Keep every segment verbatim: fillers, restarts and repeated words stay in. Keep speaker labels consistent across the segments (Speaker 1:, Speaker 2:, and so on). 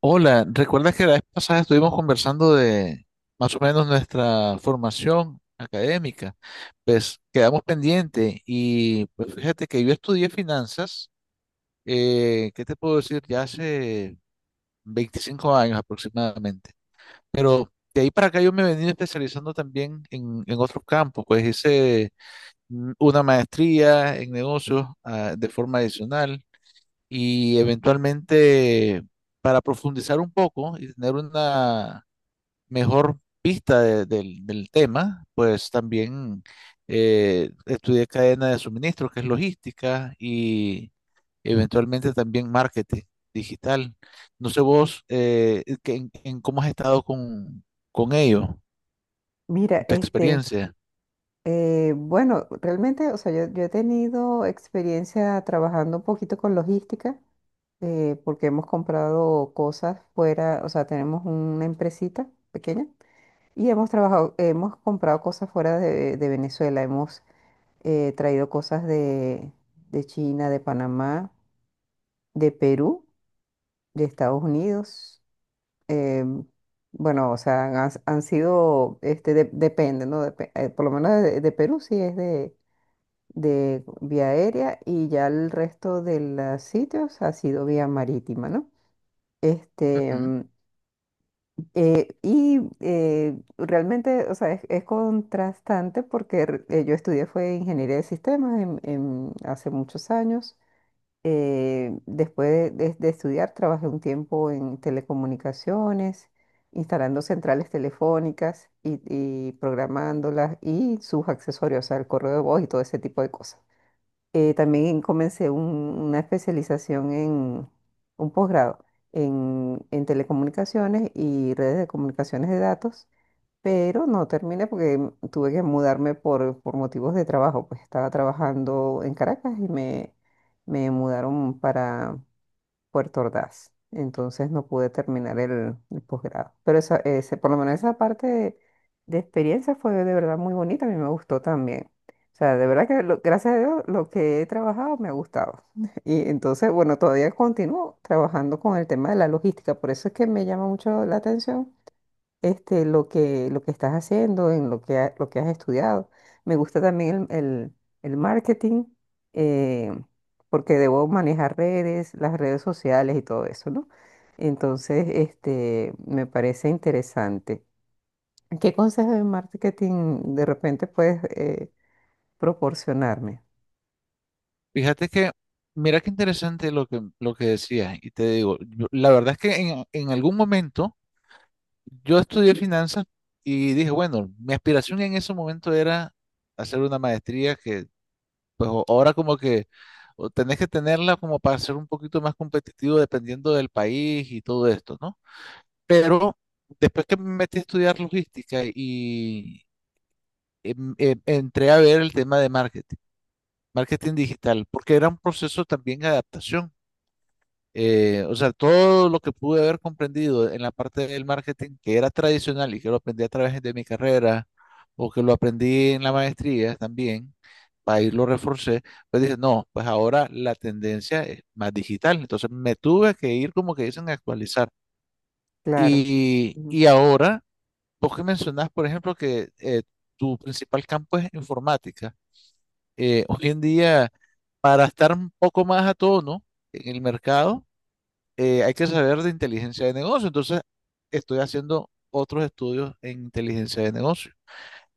Speaker 1: Hola, ¿recuerdas que la vez pasada estuvimos conversando de más o menos nuestra formación académica? Pues quedamos pendientes y pues fíjate que yo estudié finanzas, eh, ¿qué te puedo decir? Ya hace veinticinco años aproximadamente, pero de ahí para acá yo me he venido especializando también en, en otros campos, pues hice mm, una maestría en negocios, ah, de forma adicional y eventualmente para profundizar un poco y tener una mejor vista de- del del tema, pues también eh, estudié cadena de suministro, que es logística, y eventualmente también marketing digital. No sé vos eh, eh, que- en, en cómo has estado con, con ello,
Speaker 2: Mira,
Speaker 1: en tu
Speaker 2: este,
Speaker 1: experiencia.
Speaker 2: eh, bueno, realmente, o sea, yo, yo he tenido experiencia trabajando un poquito con logística, eh, porque hemos comprado cosas fuera, o sea, tenemos una empresita pequeña y hemos trabajado, hemos comprado cosas fuera de, de Venezuela, hemos eh, traído cosas de, de China, de Panamá, de Perú, de Estados Unidos. em, bueno, o sea, han, han sido, este, de- depende, ¿no? Depe- eh, por lo menos de, de Perú sí es de, de vía aérea, y ya el resto de los sitios ha sido vía marítima, ¿no? Este,
Speaker 1: Ujú.
Speaker 2: mm, eh, y eh, Realmente, o sea, es, es contrastante porque re- eh, yo estudié fue ingeniería de sistemas en- en- hace muchos años. Eh, después de, de- de estudiar, trabajé un tiempo en telecomunicaciones, instalando centrales telefónicas y, y programándolas y sus accesorios, o sea, el correo de voz y todo ese tipo de cosas. Eh, también comencé un- una especialización en un posgrado en, en telecomunicaciones y redes de comunicaciones de datos, pero no terminé porque mm, tuve que mudarme por, por motivos de trabajo, pues estaba trabajando en Caracas y me, me mudaron para Puerto Ordaz. Entonces no pude terminar el, el posgrado. Pero esa, ese, por lo menos esa parte de, de experiencia fue de verdad muy bonita. A mí me gustó también. O sea, de verdad que lo- gracias a Dios lo que he trabajado me ha gustado. Y entonces, bueno, todavía continúo trabajando con el tema de la logística. Por eso es que me llama mucho la atención este, lo que, lo que estás haciendo, en lo que, ha- lo que has estudiado. Me gusta también el, el- el marketing, eh, porque debo manejar redes, las redes sociales y todo eso, ¿no? Entonces, este, me parece interesante. ¿Qué consejos de marketing de repente puedes eh, proporcionarme?
Speaker 1: Fíjate que, mira qué interesante lo que, lo que decías, y te digo, yo, la verdad es que en en algún momento... Yo estudié finanzas y dije, bueno, mi aspiración en ese momento era hacer una maestría que, pues o- ahora como que o tenés que tenerla como para ser un poquito más competitivo dependiendo del país y todo esto, ¿no? Pero después que me metí a estudiar logística y em- em- entré a ver el tema de marketing, marketing digital, porque era un proceso también de adaptación. Eh, o sea, todo lo que pude haber comprendido en la parte del marketing que era tradicional y que lo aprendí a través de mi carrera o que lo aprendí en la maestría también, para irlo reforcé, pues dije, no, pues ahora la tendencia es más digital. Entonces me tuve que ir como que dicen a actualizar.
Speaker 2: Claro.
Speaker 1: Y,
Speaker 2: Ujú.
Speaker 1: y ahora, vos que mencionás, por ejemplo, que eh, tu principal campo es informática. Eh, hoy en día, para estar un poco más a tono en el mercado, eh, hay que saber de inteligencia de negocio. Entonces, estoy haciendo otros estudios en inteligencia de negocio.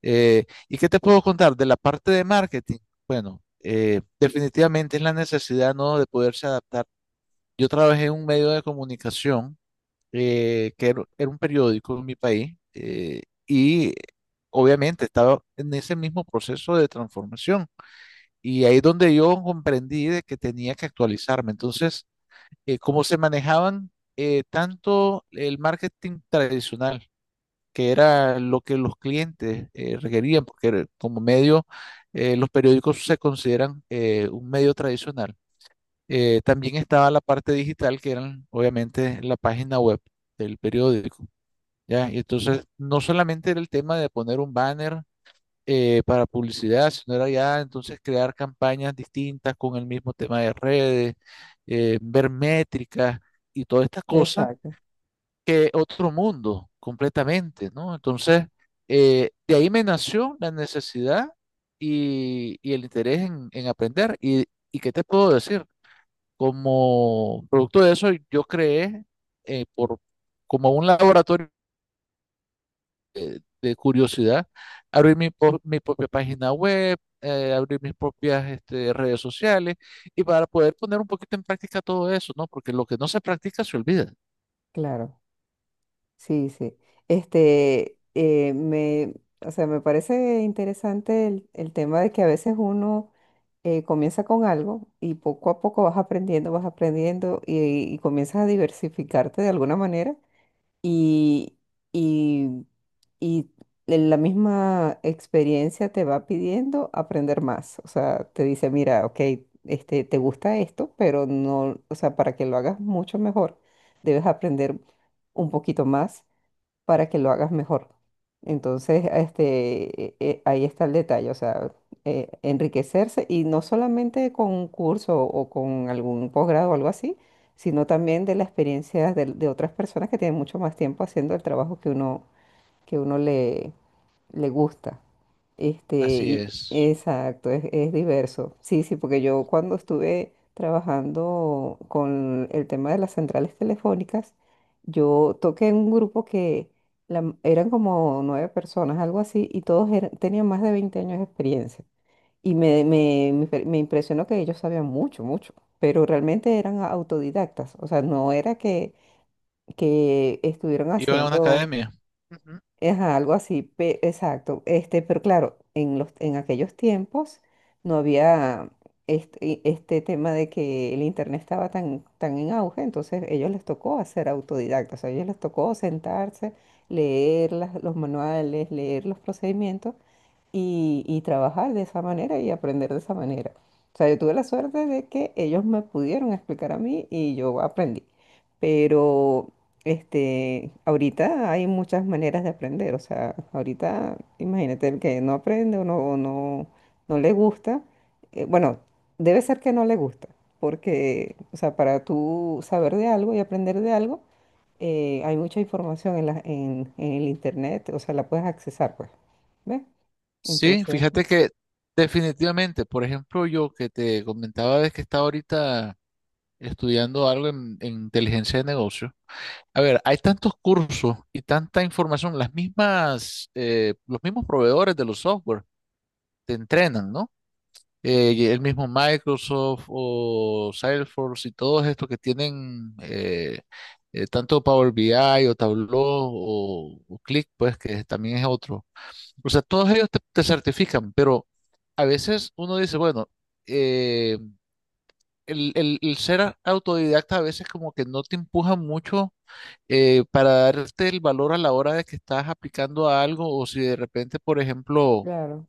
Speaker 1: Eh, ¿y qué te puedo contar de la parte de marketing? Bueno, eh, definitivamente es la necesidad, ¿no? De poderse adaptar. Yo trabajé en un medio de comunicación eh, que era, era un periódico en mi país, eh, y obviamente estaba en ese mismo proceso de transformación. Y ahí es donde yo comprendí de que tenía que actualizarme. Entonces, eh, cómo se manejaban, eh, tanto el marketing tradicional, que era lo que los clientes eh, requerían, porque era como medio, eh, los periódicos se consideran eh, un medio tradicional. Eh, también estaba la parte digital, que eran obviamente la página web del periódico, ¿ya? Y entonces no solamente era el tema de poner un banner, eh, para publicidad, sino era ya entonces crear campañas distintas con el mismo tema de redes, eh, ver métricas y toda esta cosa,
Speaker 2: Exacto,
Speaker 1: que otro mundo completamente, ¿no? Entonces, eh, de ahí me nació la necesidad y, y el interés en, en aprender. Y ¿y qué te puedo decir? Como producto de eso, yo creé, eh, por, como un laboratorio de curiosidad, abrir mi, po- mi propia página web, eh, abrir mis propias este, redes sociales y para poder poner un poquito en práctica todo eso, ¿no? Porque lo que no se practica se olvida.
Speaker 2: claro. Sí, sí. Este, eh, me, o sea, me parece interesante el, el tema de que a veces uno eh, comienza con algo y poco a poco vas aprendiendo, vas aprendiendo y, y comienzas a diversificarte de alguna manera y, y, y la misma experiencia te va pidiendo aprender más. O sea, te dice, mira, ok, este, te gusta esto, pero no, o sea, para que lo hagas mucho mejor, debes aprender un poquito más para que lo hagas mejor. Entonces, este, eh, eh, ahí está el detalle, o sea, eh, enriquecerse, y no solamente con un curso o con algún posgrado o algo así, sino también de la experiencia de, de otras personas que tienen mucho más tiempo haciendo el trabajo que uno, que uno le gusta. Este,
Speaker 1: Así
Speaker 2: y-
Speaker 1: es.
Speaker 2: exacto, es, es diverso. Sí, sí, porque yo cuando estuve trabajando con el tema de las centrales telefónicas, yo toqué en un grupo que la m- eran como nueve personas, algo así, y todos eran- tenían más de veinte años de experiencia. Y me, me, me impre- me impresionó que ellos sabían mucho, mucho, pero realmente eran autodidactas. O sea, no era que, que estuvieran
Speaker 1: Iba a una
Speaker 2: haciendo...
Speaker 1: academia. Ujú.
Speaker 2: Ajá, algo así, pe- exacto. Este, pero claro, en los, en aquellos tiempos no había este, este tema de que el internet estaba tan, tan en auge, entonces ellos les tocó hacer autodidactas, o sea, ellos les tocó sentarse, leer las- los manuales, leer los procedimientos y, y trabajar de esa manera y aprender de esa manera. O sea, yo tuve la suerte de que ellos me pudieron explicar a mí y yo aprendí. Pero este, ahorita hay muchas maneras de aprender. O sea, ahorita imagínate el que no aprende o no, o no, no le gusta. Eh, bueno, debe ser que no le gusta. Porque, o sea, para tú saber de algo y aprender de algo, eh, hay mucha información en la, en, en el internet, o sea, la puedes accesar, pues. ¿Ves?
Speaker 1: Sí,
Speaker 2: Entonces,
Speaker 1: fíjate que definitivamente, por ejemplo, yo que te comentaba de que estaba ahorita estudiando algo en, en inteligencia de negocios. A ver, hay tantos cursos y tanta información, las mismas, eh, los mismos proveedores de los software te entrenan, ¿no? Eh, el mismo Microsoft o Salesforce y todos estos que tienen eh, eh, tanto Power B I o Tableau o, o Click, pues que también es otro. O sea, todos ellos te, te certifican, pero a veces uno dice, bueno, eh, el, el- el ser autodidacta a veces como que no te empuja mucho. Eh, para darte el valor a la hora de que estás aplicando a algo o si de repente, por ejemplo,
Speaker 2: claro,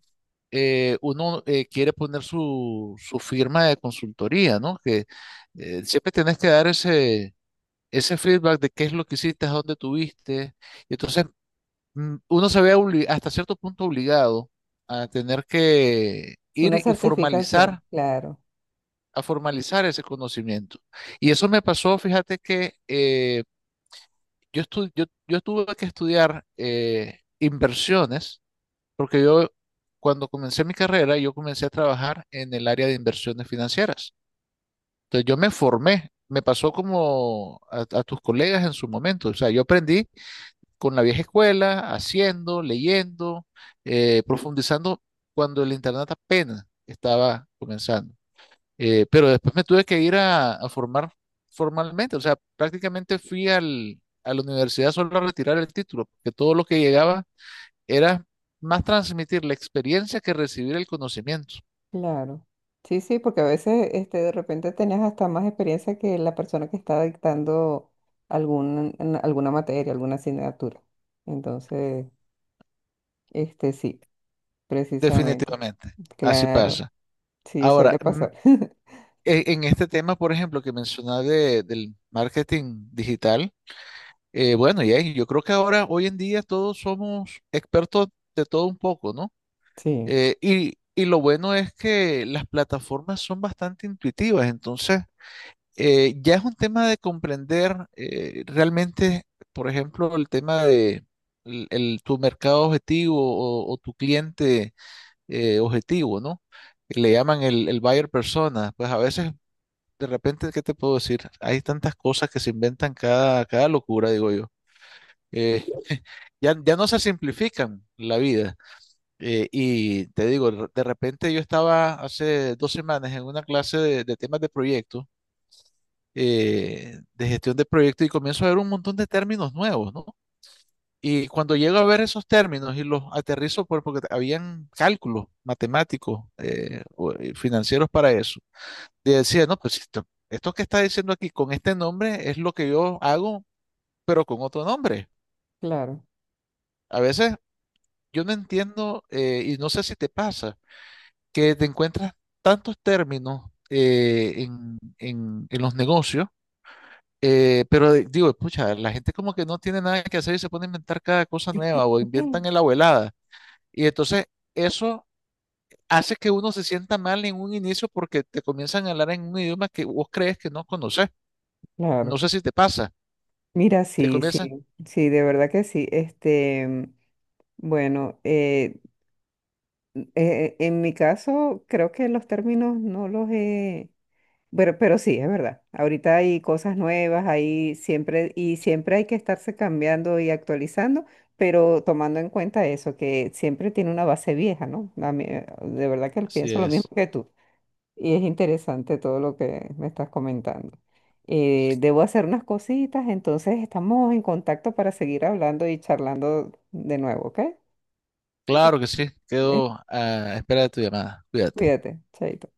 Speaker 1: eh, uno eh, quiere poner su, su firma de consultoría, ¿no? Que eh, siempre tenés que dar ese, ese feedback de qué es lo que hiciste, a dónde tuviste. Y entonces mm, uno se ve obli- hasta cierto punto obligado a tener que
Speaker 2: una
Speaker 1: ir y formalizar,
Speaker 2: certificación, claro,
Speaker 1: a formalizar ese conocimiento. Y eso me pasó, fíjate que eh, yo, estu- yo, yo tuve que estudiar eh, inversiones. Porque yo, cuando comencé mi carrera, yo comencé a trabajar en el área de inversiones financieras. Entonces yo me formé, me pasó como a, a tus colegas en su momento. O sea, yo aprendí con la vieja escuela, haciendo, leyendo, eh, profundizando cuando el internet apenas estaba comenzando. Eh, pero después me tuve que ir a, a formar formalmente. O sea, prácticamente fui al, a la universidad solo a retirar el título, porque todo lo que llegaba era más transmitir la experiencia que recibir el conocimiento,
Speaker 2: claro. Sí, sí, porque a veces este, de repente tenías hasta más experiencia que la persona que estaba dictando algún, en alguna materia, alguna asignatura. Entonces, este sí, precisamente.
Speaker 1: definitivamente. Así
Speaker 2: Claro,
Speaker 1: pasa.
Speaker 2: sí,
Speaker 1: Ahora,
Speaker 2: suele
Speaker 1: mm,
Speaker 2: pasar.
Speaker 1: e- en este tema, por ejemplo, que mencionaba de- del marketing digital, eh, bueno, y ahí, yo creo que ahora, hoy en día, todos somos expertos de todo un poco, ¿no?
Speaker 2: Sí,
Speaker 1: Eh, y, y lo bueno es que las plataformas son bastante intuitivas, entonces... eh, ya es un tema de comprender, eh, realmente, por ejemplo, el tema de el- el- tu mercado objetivo o, o tu cliente eh, objetivo, ¿no? Le llaman el, el buyer persona. Pues a veces, de repente, ¿qué te puedo decir? Hay tantas cosas que se inventan cada, cada locura, digo yo. Eh, ya, ya no se simplifican la vida. Eh, y te digo, de repente yo estaba hace dos semanas en una clase de, de temas de proyectos, eh, de gestión de proyectos y comienzo a ver un montón de términos nuevos, ¿no? Y cuando llego a ver esos términos y los aterrizo por, porque habían cálculos matemáticos, eh, o- eh, financieros para eso, y decía, no, pues esto, esto que está diciendo aquí con este nombre es lo que yo hago, pero con otro nombre.
Speaker 2: claro.
Speaker 1: A veces yo no entiendo, eh, y no sé si te pasa, que te encuentras tantos términos eh, en en- en los negocios. Eh, pero de- digo, pucha, la gente como que no tiene nada que hacer y se pone a inventar cada cosa nueva o
Speaker 2: Ujú,
Speaker 1: inventan en la abuelada. Y entonces eso hace que uno se sienta mal en un inicio porque te comienzan a hablar en un idioma que vos crees que no conoces. No
Speaker 2: claro.
Speaker 1: sé si te pasa.
Speaker 2: Mira,
Speaker 1: Te
Speaker 2: sí,
Speaker 1: comienzan.
Speaker 2: sí, sí, de verdad que sí. Este, bueno, eh, Eh, en mi caso, creo que los términos no los he... Pero, pero sí, es verdad. Ahorita hay cosas nuevas, hay siempre, y siempre hay que estarse cambiando y actualizando, pero tomando en cuenta eso, que siempre tiene una base vieja, ¿no? A mí, eh, de verdad que
Speaker 1: Así
Speaker 2: pienso lo mismo
Speaker 1: es.
Speaker 2: que tú. Y es interesante todo lo que me estás comentando. Eh, debo hacer unas cositas, entonces estamos en contacto para seguir hablando y charlando de nuevo, ¿ok? Eh,
Speaker 1: Claro que sí.
Speaker 2: eh,
Speaker 1: Quedo a espera de tu llamada. Cuídate.
Speaker 2: Cuídate, chaito.